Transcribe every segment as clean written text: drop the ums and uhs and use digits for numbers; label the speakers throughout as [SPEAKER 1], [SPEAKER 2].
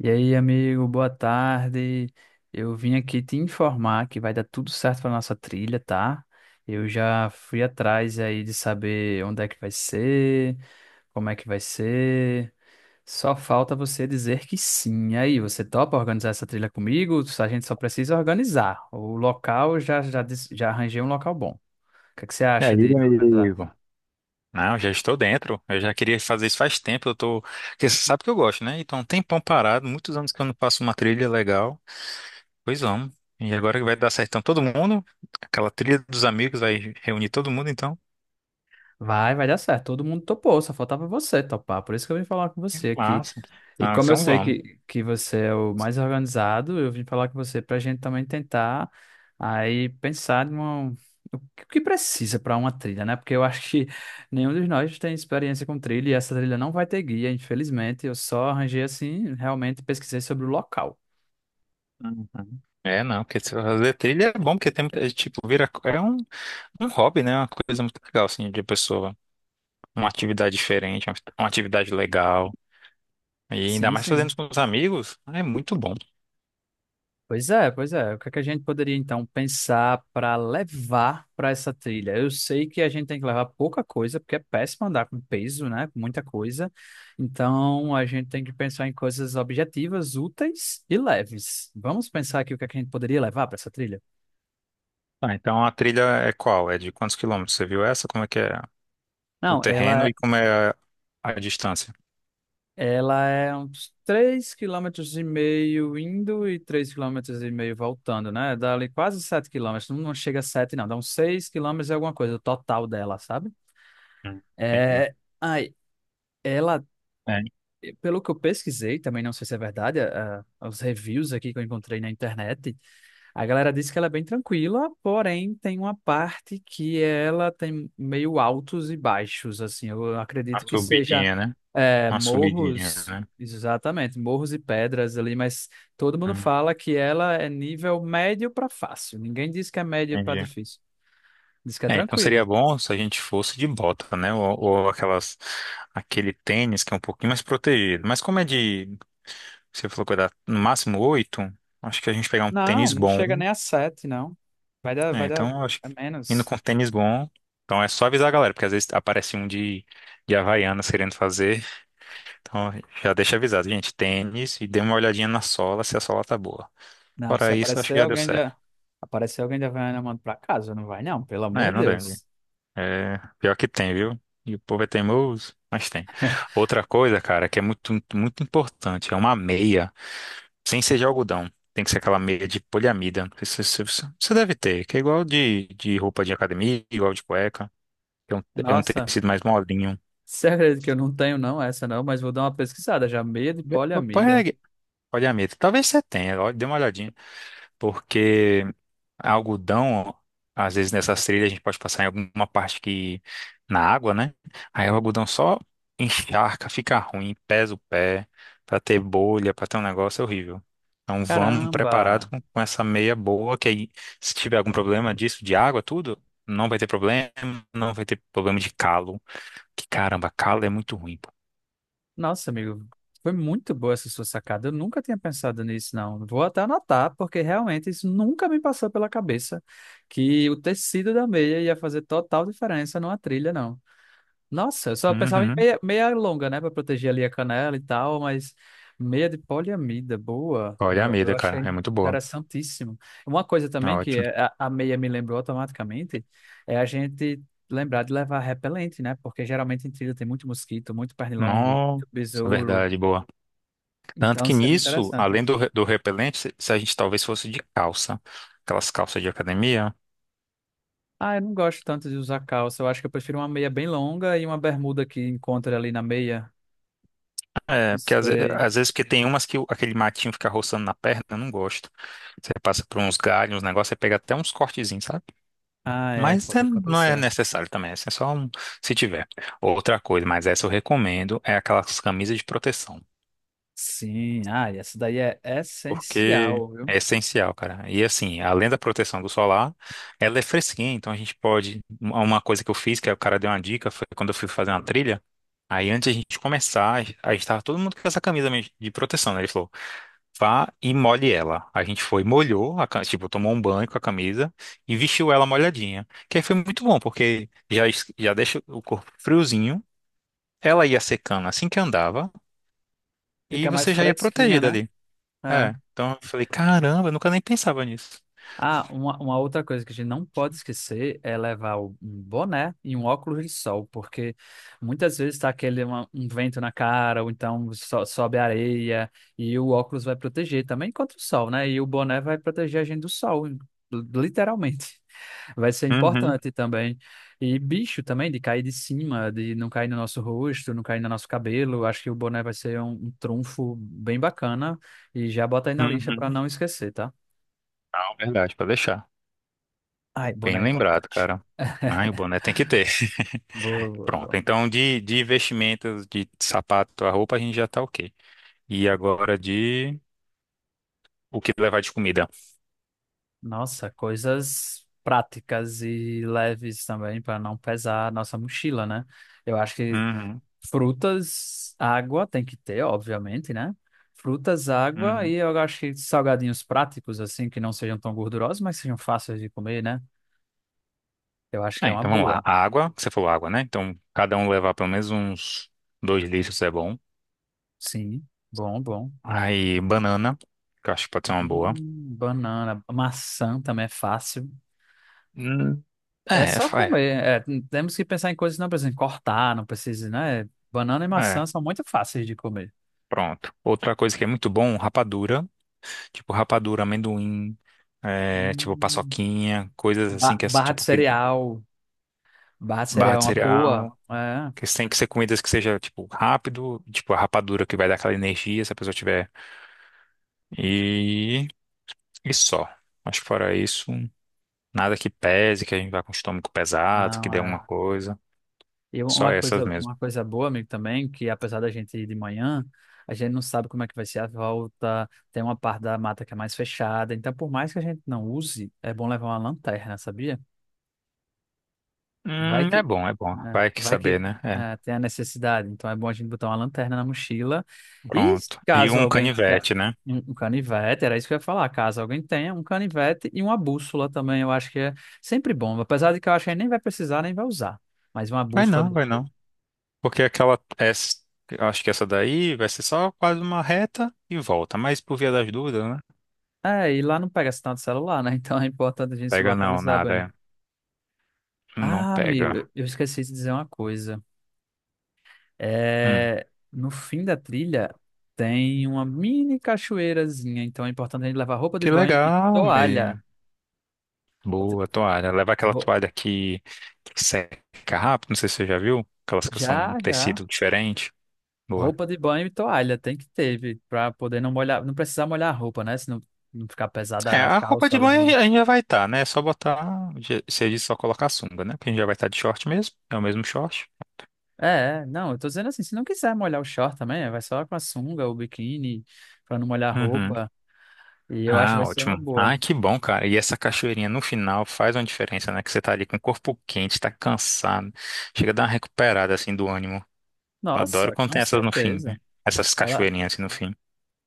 [SPEAKER 1] E aí, amigo, boa tarde. Eu vim aqui te informar que vai dar tudo certo para nossa trilha, tá? Eu já fui atrás aí de saber onde é que vai ser, como é que vai ser. Só falta você dizer que sim. E aí, você topa organizar essa trilha comigo? A gente só precisa organizar. O local, eu já arranjei um local bom. O que é que você
[SPEAKER 2] E
[SPEAKER 1] acha
[SPEAKER 2] aí,
[SPEAKER 1] de organizar?
[SPEAKER 2] amigo? Não, já estou dentro. Eu já queria fazer isso faz tempo. Eu tô. Porque você sabe que eu gosto, né? Então, um tempão parado, muitos anos que eu não faço uma trilha legal. Pois vamos. E agora que vai dar certo. Então, todo mundo, aquela trilha dos amigos, vai reunir todo mundo, então.
[SPEAKER 1] Vai dar certo. Todo mundo topou, só faltava você topar. Por isso que eu vim falar com
[SPEAKER 2] Que
[SPEAKER 1] você aqui.
[SPEAKER 2] massa.
[SPEAKER 1] E
[SPEAKER 2] Ah,
[SPEAKER 1] como eu
[SPEAKER 2] então
[SPEAKER 1] sei
[SPEAKER 2] vamos.
[SPEAKER 1] que você é o mais organizado, eu vim falar com você para a gente também tentar aí pensar o que que precisa para uma trilha, né? Porque eu acho que nenhum de nós tem experiência com trilha e essa trilha não vai ter guia, infelizmente. Eu só arranjei assim, realmente pesquisei sobre o local.
[SPEAKER 2] Uhum. É, não, porque se fazer trilha é bom, porque tem, muita- é, tipo, vira, é um, um hobby, né? Uma coisa muito legal, assim, de pessoa. Uma atividade diferente, uma atividade legal. E ainda
[SPEAKER 1] Sim,
[SPEAKER 2] mais fazendo
[SPEAKER 1] sim.
[SPEAKER 2] com os amigos, é muito bom.
[SPEAKER 1] Pois é, pois é. O que é que a gente poderia então pensar para levar para essa trilha? Eu sei que a gente tem que levar pouca coisa, porque é péssimo andar com peso, né? Com muita coisa. Então a gente tem que pensar em coisas objetivas, úteis e leves. Vamos pensar aqui o que é que a gente poderia levar para essa trilha?
[SPEAKER 2] Ah, então a trilha é qual? É de quantos quilômetros? Você viu essa? Como é que é o
[SPEAKER 1] Não,
[SPEAKER 2] terreno e
[SPEAKER 1] ela,
[SPEAKER 2] como é a distância?
[SPEAKER 1] ela é uns três quilômetros e meio indo e três quilômetros e meio voltando, né? Dá ali quase 7 quilômetros. Não, não chega a 7, não. Dá uns 6 quilômetros e alguma coisa, o total dela, sabe?
[SPEAKER 2] Hum, entendi.
[SPEAKER 1] É, ai, ela,
[SPEAKER 2] É,
[SPEAKER 1] pelo que eu pesquisei, também não sei se é verdade, os reviews aqui que eu encontrei na internet, a galera disse que ela é bem tranquila, porém tem uma parte que ela tem meio altos e baixos, assim, eu acredito
[SPEAKER 2] uma
[SPEAKER 1] que seja
[SPEAKER 2] subidinha, né?
[SPEAKER 1] é,
[SPEAKER 2] Uma subidinha,
[SPEAKER 1] morros,
[SPEAKER 2] né?
[SPEAKER 1] exatamente, morros e pedras ali, mas todo mundo
[SPEAKER 2] Hum,
[SPEAKER 1] fala que ela é nível médio para fácil, ninguém diz que é médio para
[SPEAKER 2] entendi.
[SPEAKER 1] difícil, diz que é
[SPEAKER 2] É, então seria
[SPEAKER 1] tranquilo.
[SPEAKER 2] bom se a gente fosse de bota, né? Ou aquelas, aquele tênis que é um pouquinho mais protegido. Mas como é de, você falou que vai dar no máximo oito, acho que a gente pegar um
[SPEAKER 1] Não,
[SPEAKER 2] tênis
[SPEAKER 1] não
[SPEAKER 2] bom.
[SPEAKER 1] chega nem a sete, não. Vai dar,
[SPEAKER 2] É,
[SPEAKER 1] vai dar,
[SPEAKER 2] então eu acho
[SPEAKER 1] é
[SPEAKER 2] que indo
[SPEAKER 1] menos.
[SPEAKER 2] com tênis bom. Então é só avisar a galera, porque às vezes aparece um de Havaianas querendo fazer. Então, já deixa avisado, gente, tênis e dê uma olhadinha na sola, se a sola tá boa.
[SPEAKER 1] Não, se
[SPEAKER 2] Fora isso, acho que
[SPEAKER 1] aparecer
[SPEAKER 2] já deu
[SPEAKER 1] alguém
[SPEAKER 2] certo.
[SPEAKER 1] da, aparecer alguém da Havaiana, eu mando pra casa, não vai não, pelo
[SPEAKER 2] É,
[SPEAKER 1] amor de
[SPEAKER 2] não lembro.
[SPEAKER 1] Deus.
[SPEAKER 2] É, pior que tem, viu? E o povo é teimoso, mas tem. Outra coisa, cara, que é muito, muito importante, é uma meia, sem ser de algodão. Tem que ser aquela meia de poliamida. Não sei se- Você deve ter, que é igual de roupa de academia, igual de cueca. É um
[SPEAKER 1] Nossa,
[SPEAKER 2] tecido mais molinho.
[SPEAKER 1] segredo que eu não tenho não, essa não, mas vou dar uma pesquisada já, meia de
[SPEAKER 2] Ve-
[SPEAKER 1] poliamida.
[SPEAKER 2] Pode, pode, talvez você tenha, ó, dê uma olhadinha. Porque algodão, às vezes nessas trilhas a gente pode passar em alguma parte que na água, né? Aí o algodão só encharca, fica ruim, pesa o pé, pra ter bolha, pra ter um negócio é horrível. Então vamos preparado
[SPEAKER 1] Caramba.
[SPEAKER 2] com essa meia boa, que aí se tiver algum problema disso, de água, tudo, não vai ter problema, não vai ter problema de calo. Que caramba, calo é muito ruim, pô.
[SPEAKER 1] Nossa, amigo, foi muito boa essa sua sacada, eu nunca tinha pensado nisso não. Vou até anotar, porque realmente isso nunca me passou pela cabeça, que o tecido da meia ia fazer total diferença numa trilha, não. Nossa, eu só pensava em
[SPEAKER 2] Uhum.
[SPEAKER 1] meia, meia longa, né? Pra proteger ali a canela e tal, mas meia de poliamida, boa.
[SPEAKER 2] Olha a
[SPEAKER 1] Eu
[SPEAKER 2] meia,
[SPEAKER 1] achei
[SPEAKER 2] cara, é muito boa.
[SPEAKER 1] interessantíssimo. Uma coisa também que
[SPEAKER 2] Ótimo.
[SPEAKER 1] é, a meia me lembrou automaticamente é a gente lembrar de levar repelente, né? Porque geralmente em trilha tem muito mosquito, muito pernilongo,
[SPEAKER 2] Nossa,
[SPEAKER 1] muito besouro.
[SPEAKER 2] verdade, boa. Tanto
[SPEAKER 1] Então
[SPEAKER 2] que
[SPEAKER 1] seria
[SPEAKER 2] nisso,
[SPEAKER 1] interessante.
[SPEAKER 2] além do, re- do repelente, se a gente talvez fosse de calça, aquelas calças de academia,
[SPEAKER 1] Ah, eu não gosto tanto de usar calça. Eu acho que eu prefiro uma meia bem longa e uma bermuda que encontra ali na meia.
[SPEAKER 2] é,
[SPEAKER 1] Não
[SPEAKER 2] porque às, ve-
[SPEAKER 1] sei.
[SPEAKER 2] às vezes porque tem umas que o- aquele matinho fica roçando na perna, eu não gosto. Você passa por uns galhos, uns negócios, você pega até uns cortezinhos, sabe?
[SPEAKER 1] Ah, é,
[SPEAKER 2] Mas
[SPEAKER 1] pode
[SPEAKER 2] é- não é
[SPEAKER 1] acontecer.
[SPEAKER 2] necessário também, assim, é só um, se tiver. Outra coisa, mas essa eu recomendo, é aquelas camisas de proteção.
[SPEAKER 1] Sim, ah, e essa daí é
[SPEAKER 2] Porque
[SPEAKER 1] essencial,
[SPEAKER 2] é
[SPEAKER 1] viu?
[SPEAKER 2] essencial, cara. E assim, além da proteção do solar, ela é fresquinha, então a gente pode. Uma coisa que eu fiz, que o cara deu uma dica, foi quando eu fui fazer uma trilha. Aí antes a gente começar, aí estava todo mundo com essa camisa mesmo de proteção, né? Ele falou, vá e molhe ela. A gente foi, molhou, a, ca- tipo, tomou um banho com a camisa e vestiu ela molhadinha. Que aí foi muito bom, porque já, es- já deixa o corpo friozinho, ela ia secando assim que andava e
[SPEAKER 1] Fica mais
[SPEAKER 2] você já ia
[SPEAKER 1] fresquinha,
[SPEAKER 2] protegida
[SPEAKER 1] né?
[SPEAKER 2] ali.
[SPEAKER 1] É.
[SPEAKER 2] É, então eu falei, caramba, eu nunca nem pensava nisso.
[SPEAKER 1] Ah, uma outra coisa que a gente não pode esquecer é levar o- um boné e um óculos de sol, porque muitas vezes está aquele um vento na cara, ou então sobe areia, e o óculos vai proteger também contra o sol, né? E o boné vai proteger a gente do sol, literalmente. Vai ser
[SPEAKER 2] Uhum,
[SPEAKER 1] importante também. E bicho também, de cair de cima, de não cair no nosso rosto, não cair no nosso cabelo. Acho que o boné vai ser um trunfo bem bacana. E já bota aí na lista para
[SPEAKER 2] uhum.
[SPEAKER 1] não esquecer, tá?
[SPEAKER 2] Não, verdade, para deixar.
[SPEAKER 1] Ai,
[SPEAKER 2] Bem
[SPEAKER 1] boné é
[SPEAKER 2] lembrado,
[SPEAKER 1] importante.
[SPEAKER 2] cara. Ai, o boné tem que ter.
[SPEAKER 1] Boa, boa,
[SPEAKER 2] Pronto.
[SPEAKER 1] boa.
[SPEAKER 2] Então, de investimentos, de sapato, a roupa, a gente já tá ok. E agora de o que levar de comida.
[SPEAKER 1] Nossa, coisas práticas e leves também para não pesar a nossa mochila, né? Eu acho que
[SPEAKER 2] Uhum,
[SPEAKER 1] frutas, água tem que ter, obviamente, né? Frutas, água e
[SPEAKER 2] uhum.
[SPEAKER 1] eu acho que salgadinhos práticos assim que não sejam tão gordurosos, mas sejam fáceis de comer, né? Eu acho que
[SPEAKER 2] É,
[SPEAKER 1] é uma
[SPEAKER 2] então vamos lá.
[SPEAKER 1] boa.
[SPEAKER 2] A água, que você falou água, né? Então, cada um levar pelo menos uns 2 litros é bom.
[SPEAKER 1] Sim, bom, bom.
[SPEAKER 2] Aí, banana, que eu acho que pode ser uma boa.
[SPEAKER 1] Banana, maçã também é fácil.
[SPEAKER 2] Hum,
[SPEAKER 1] É
[SPEAKER 2] é,
[SPEAKER 1] só
[SPEAKER 2] fa- é,
[SPEAKER 1] comer. É, temos que pensar em coisas que não precisam cortar, não precisa, né? Banana e
[SPEAKER 2] é.
[SPEAKER 1] maçã são muito fáceis de comer.
[SPEAKER 2] Pronto. Outra coisa que é muito bom, rapadura. Tipo rapadura, amendoim, é, tipo
[SPEAKER 1] Hum.
[SPEAKER 2] paçoquinha, coisas assim
[SPEAKER 1] Ba-
[SPEAKER 2] que é
[SPEAKER 1] barra de
[SPEAKER 2] tipo
[SPEAKER 1] cereal. Barra de
[SPEAKER 2] barra
[SPEAKER 1] cereal é
[SPEAKER 2] de
[SPEAKER 1] uma boa.
[SPEAKER 2] cereal.
[SPEAKER 1] É,
[SPEAKER 2] Que tem que ser comidas que seja tipo rápido, tipo a rapadura que vai dar aquela energia se a pessoa tiver. E, e só. Acho que fora isso, nada que pese, que a gente vá com o estômago pesado, que
[SPEAKER 1] não,
[SPEAKER 2] dê alguma
[SPEAKER 1] é.
[SPEAKER 2] coisa.
[SPEAKER 1] E
[SPEAKER 2] Só
[SPEAKER 1] uma,
[SPEAKER 2] essas
[SPEAKER 1] coisa,
[SPEAKER 2] mesmo.
[SPEAKER 1] uma coisa boa, amigo, também, que apesar da gente ir de manhã, a gente não sabe como é que vai ser a volta. Tem uma parte da mata que é mais fechada. Então, por mais que a gente não use, é bom levar uma lanterna, sabia? Vai
[SPEAKER 2] É
[SPEAKER 1] que,
[SPEAKER 2] bom, é bom.
[SPEAKER 1] é,
[SPEAKER 2] Vai que
[SPEAKER 1] vai que
[SPEAKER 2] saber, né? É.
[SPEAKER 1] tem a necessidade. Então é bom a gente botar uma lanterna na mochila. E
[SPEAKER 2] Pronto. E
[SPEAKER 1] caso
[SPEAKER 2] um
[SPEAKER 1] alguém.
[SPEAKER 2] canivete, né?
[SPEAKER 1] Um canivete, era isso que eu ia falar. Caso alguém tenha um canivete e uma bússola também, eu acho que é sempre bom. Apesar de que eu acho que a gente nem vai precisar, nem vai usar. Mas uma
[SPEAKER 2] Vai
[SPEAKER 1] bússola é
[SPEAKER 2] não,
[SPEAKER 1] boa.
[SPEAKER 2] vai
[SPEAKER 1] Ter.
[SPEAKER 2] não. Porque aquela acho que essa daí vai ser só quase uma reta e volta. Mas por via das dúvidas, né?
[SPEAKER 1] É, e lá não pega sinal de celular, né? Então é importante a gente se
[SPEAKER 2] Pega não,
[SPEAKER 1] localizar
[SPEAKER 2] nada,
[SPEAKER 1] bem.
[SPEAKER 2] é. Não
[SPEAKER 1] Ah, amigo, eu
[SPEAKER 2] pega.
[SPEAKER 1] eu esqueci de dizer uma coisa.
[SPEAKER 2] Hum.
[SPEAKER 1] É, no fim da trilha tem uma mini cachoeirazinha, então é importante a gente levar roupa de
[SPEAKER 2] Que
[SPEAKER 1] banho e
[SPEAKER 2] legal,
[SPEAKER 1] toalha.
[SPEAKER 2] meio. Boa toalha. Leva aquela
[SPEAKER 1] Ro-
[SPEAKER 2] toalha que seca rápido. Não sei se você já viu. Aquelas que são um
[SPEAKER 1] Já, já.
[SPEAKER 2] tecido diferente. Boa.
[SPEAKER 1] Roupa de banho e toalha tem que ter, vi, pra poder não molhar, não precisar molhar a roupa, né? Se não, não ficar
[SPEAKER 2] É,
[SPEAKER 1] pesada a
[SPEAKER 2] a roupa
[SPEAKER 1] calça,
[SPEAKER 2] de
[SPEAKER 1] a bermuda.
[SPEAKER 2] banho a gente já vai estar, né? É só botar. Se a gente só colocar a sunga, né? Porque a gente já vai estar de short mesmo. É o mesmo short.
[SPEAKER 1] É, é, não, eu tô dizendo assim, se não quiser molhar o short também, vai só com a sunga, ou biquíni, pra não molhar a
[SPEAKER 2] Uhum.
[SPEAKER 1] roupa. E eu acho que vai
[SPEAKER 2] Ah,
[SPEAKER 1] ser uma
[SPEAKER 2] ótimo.
[SPEAKER 1] boa.
[SPEAKER 2] Ah, que bom, cara. E essa cachoeirinha no final faz uma diferença, né? Que você tá ali com o corpo quente, tá cansado. Chega a dar uma recuperada, assim, do ânimo. Eu adoro
[SPEAKER 1] Nossa,
[SPEAKER 2] quando
[SPEAKER 1] com
[SPEAKER 2] tem essas no fim, né?
[SPEAKER 1] certeza.
[SPEAKER 2] Essas
[SPEAKER 1] Ela,
[SPEAKER 2] cachoeirinhas, assim, no fim.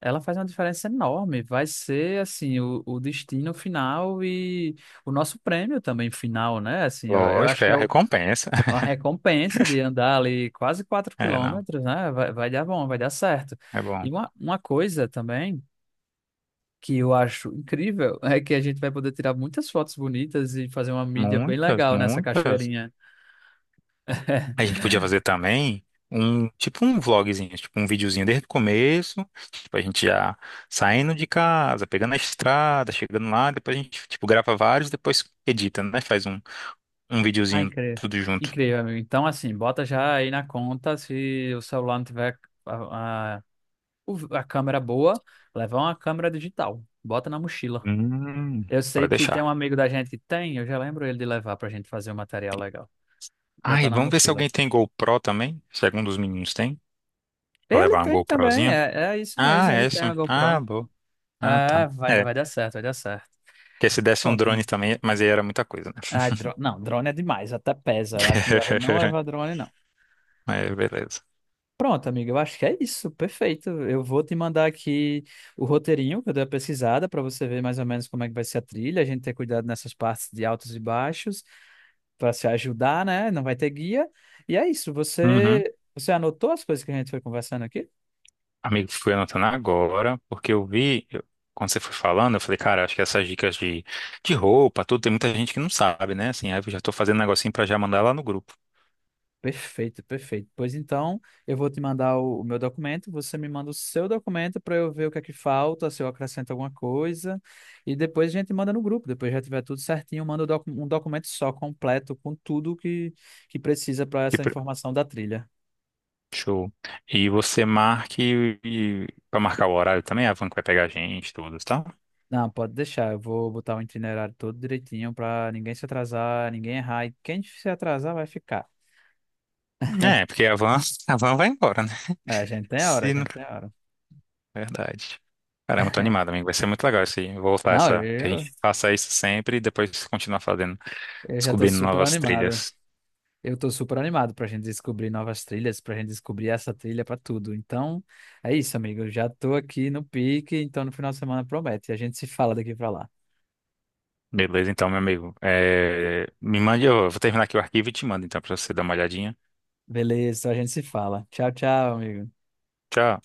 [SPEAKER 1] Ela faz uma diferença enorme. Vai ser, assim, o destino final e o nosso prêmio também final, né? Assim, eu acho
[SPEAKER 2] Lógico,
[SPEAKER 1] que
[SPEAKER 2] é
[SPEAKER 1] é
[SPEAKER 2] a
[SPEAKER 1] o-
[SPEAKER 2] recompensa.
[SPEAKER 1] uma recompensa de andar ali quase 4
[SPEAKER 2] É, não.
[SPEAKER 1] quilômetros, né? Vai dar bom, vai dar certo.
[SPEAKER 2] É bom.
[SPEAKER 1] E uma coisa também que eu acho incrível é que a gente vai poder tirar muitas fotos bonitas e fazer uma mídia bem
[SPEAKER 2] Muitas,
[SPEAKER 1] legal nessa
[SPEAKER 2] muitas.
[SPEAKER 1] cachoeirinha.
[SPEAKER 2] A gente podia fazer também um, tipo um vlogzinho, tipo um videozinho desde o começo. Tipo, a gente já saindo de casa, pegando a estrada, chegando lá. Depois a gente, tipo, grava vários, depois edita, né? Faz um. Um
[SPEAKER 1] Ah,
[SPEAKER 2] videozinho
[SPEAKER 1] incrível.
[SPEAKER 2] tudo junto.
[SPEAKER 1] Incrível, amigo. Então, assim, bota já aí na conta se o celular não tiver a câmera boa, levar uma câmera digital, bota na mochila.
[SPEAKER 2] Hum,
[SPEAKER 1] Eu sei
[SPEAKER 2] pode
[SPEAKER 1] que tem
[SPEAKER 2] deixar.
[SPEAKER 1] um amigo da gente que tem, eu já lembro ele de levar pra gente fazer um material legal.
[SPEAKER 2] Ah, e
[SPEAKER 1] Botar na
[SPEAKER 2] vamos ver se
[SPEAKER 1] mochila.
[SPEAKER 2] alguém tem GoPro também. Se algum dos meninos tem, pra
[SPEAKER 1] Ele
[SPEAKER 2] levar uma
[SPEAKER 1] tem também,
[SPEAKER 2] GoProzinha.
[SPEAKER 1] é, é isso
[SPEAKER 2] Ah,
[SPEAKER 1] mesmo, ele tem a
[SPEAKER 2] essa. Ah,
[SPEAKER 1] GoPro.
[SPEAKER 2] boa. Ah, tá.
[SPEAKER 1] É, vai,
[SPEAKER 2] É,
[SPEAKER 1] vai dar certo, vai dar certo.
[SPEAKER 2] porque se desse um
[SPEAKER 1] Pronto,
[SPEAKER 2] drone
[SPEAKER 1] amigo.
[SPEAKER 2] também, mas aí era muita coisa, né?
[SPEAKER 1] Ah, não, drone é demais, até pesa. Eu acho melhor ele não levar drone, não.
[SPEAKER 2] É, beleza.
[SPEAKER 1] Pronto, amigo, eu acho que é isso, perfeito. Eu vou te mandar aqui o roteirinho que eu dei a pesquisada para você ver mais ou menos como é que vai ser a trilha, a gente ter cuidado nessas partes de altos e baixos. Para se ajudar, né? Não vai ter guia. E é isso.
[SPEAKER 2] Uhum.
[SPEAKER 1] Você anotou as coisas que a gente foi conversando aqui?
[SPEAKER 2] Amigo, fui anotando agora, porque eu vi, quando você foi falando, eu falei, cara, acho que essas dicas de roupa, tudo, tem muita gente que não sabe, né? Assim, aí eu já tô fazendo um negocinho pra já mandar lá no grupo.
[SPEAKER 1] Perfeito, perfeito. Pois então, eu vou te mandar o meu documento, você me manda o seu documento para eu ver o que é que falta, se eu acrescento alguma coisa, e depois a gente manda no grupo. Depois já tiver tudo certinho, manda o um documento só, completo, com tudo que precisa para
[SPEAKER 2] Que
[SPEAKER 1] essa
[SPEAKER 2] pro-
[SPEAKER 1] informação da trilha.
[SPEAKER 2] Show. E você marque e, para marcar o horário também, a van que vai pegar a gente, todos, tá?
[SPEAKER 1] Não, pode deixar, eu vou botar o itinerário todo direitinho para ninguém se atrasar, ninguém errar, e quem se atrasar vai ficar.
[SPEAKER 2] É, porque a van vai embora, né?
[SPEAKER 1] É, a gente tem a hora, a
[SPEAKER 2] Se não...
[SPEAKER 1] gente tem a hora.
[SPEAKER 2] Verdade. Caramba, tô animado, amigo. Vai ser muito legal isso aí. Voltar
[SPEAKER 1] Não,
[SPEAKER 2] essa. Que a gente faça isso sempre e depois continuar fazendo,
[SPEAKER 1] eu já tô
[SPEAKER 2] descobrindo
[SPEAKER 1] super
[SPEAKER 2] novas
[SPEAKER 1] animado.
[SPEAKER 2] trilhas.
[SPEAKER 1] Eu tô super animado pra gente descobrir novas trilhas, pra gente descobrir essa trilha pra tudo. Então, é isso, amigo. Eu já tô aqui no pique, então no final de semana promete. A gente se fala daqui pra lá.
[SPEAKER 2] Beleza, então, meu amigo. É, me mande, eu vou terminar aqui o arquivo e te mando, então, pra você dar uma olhadinha.
[SPEAKER 1] Beleza, a gente se fala. Tchau, tchau, amigo.
[SPEAKER 2] Tchau.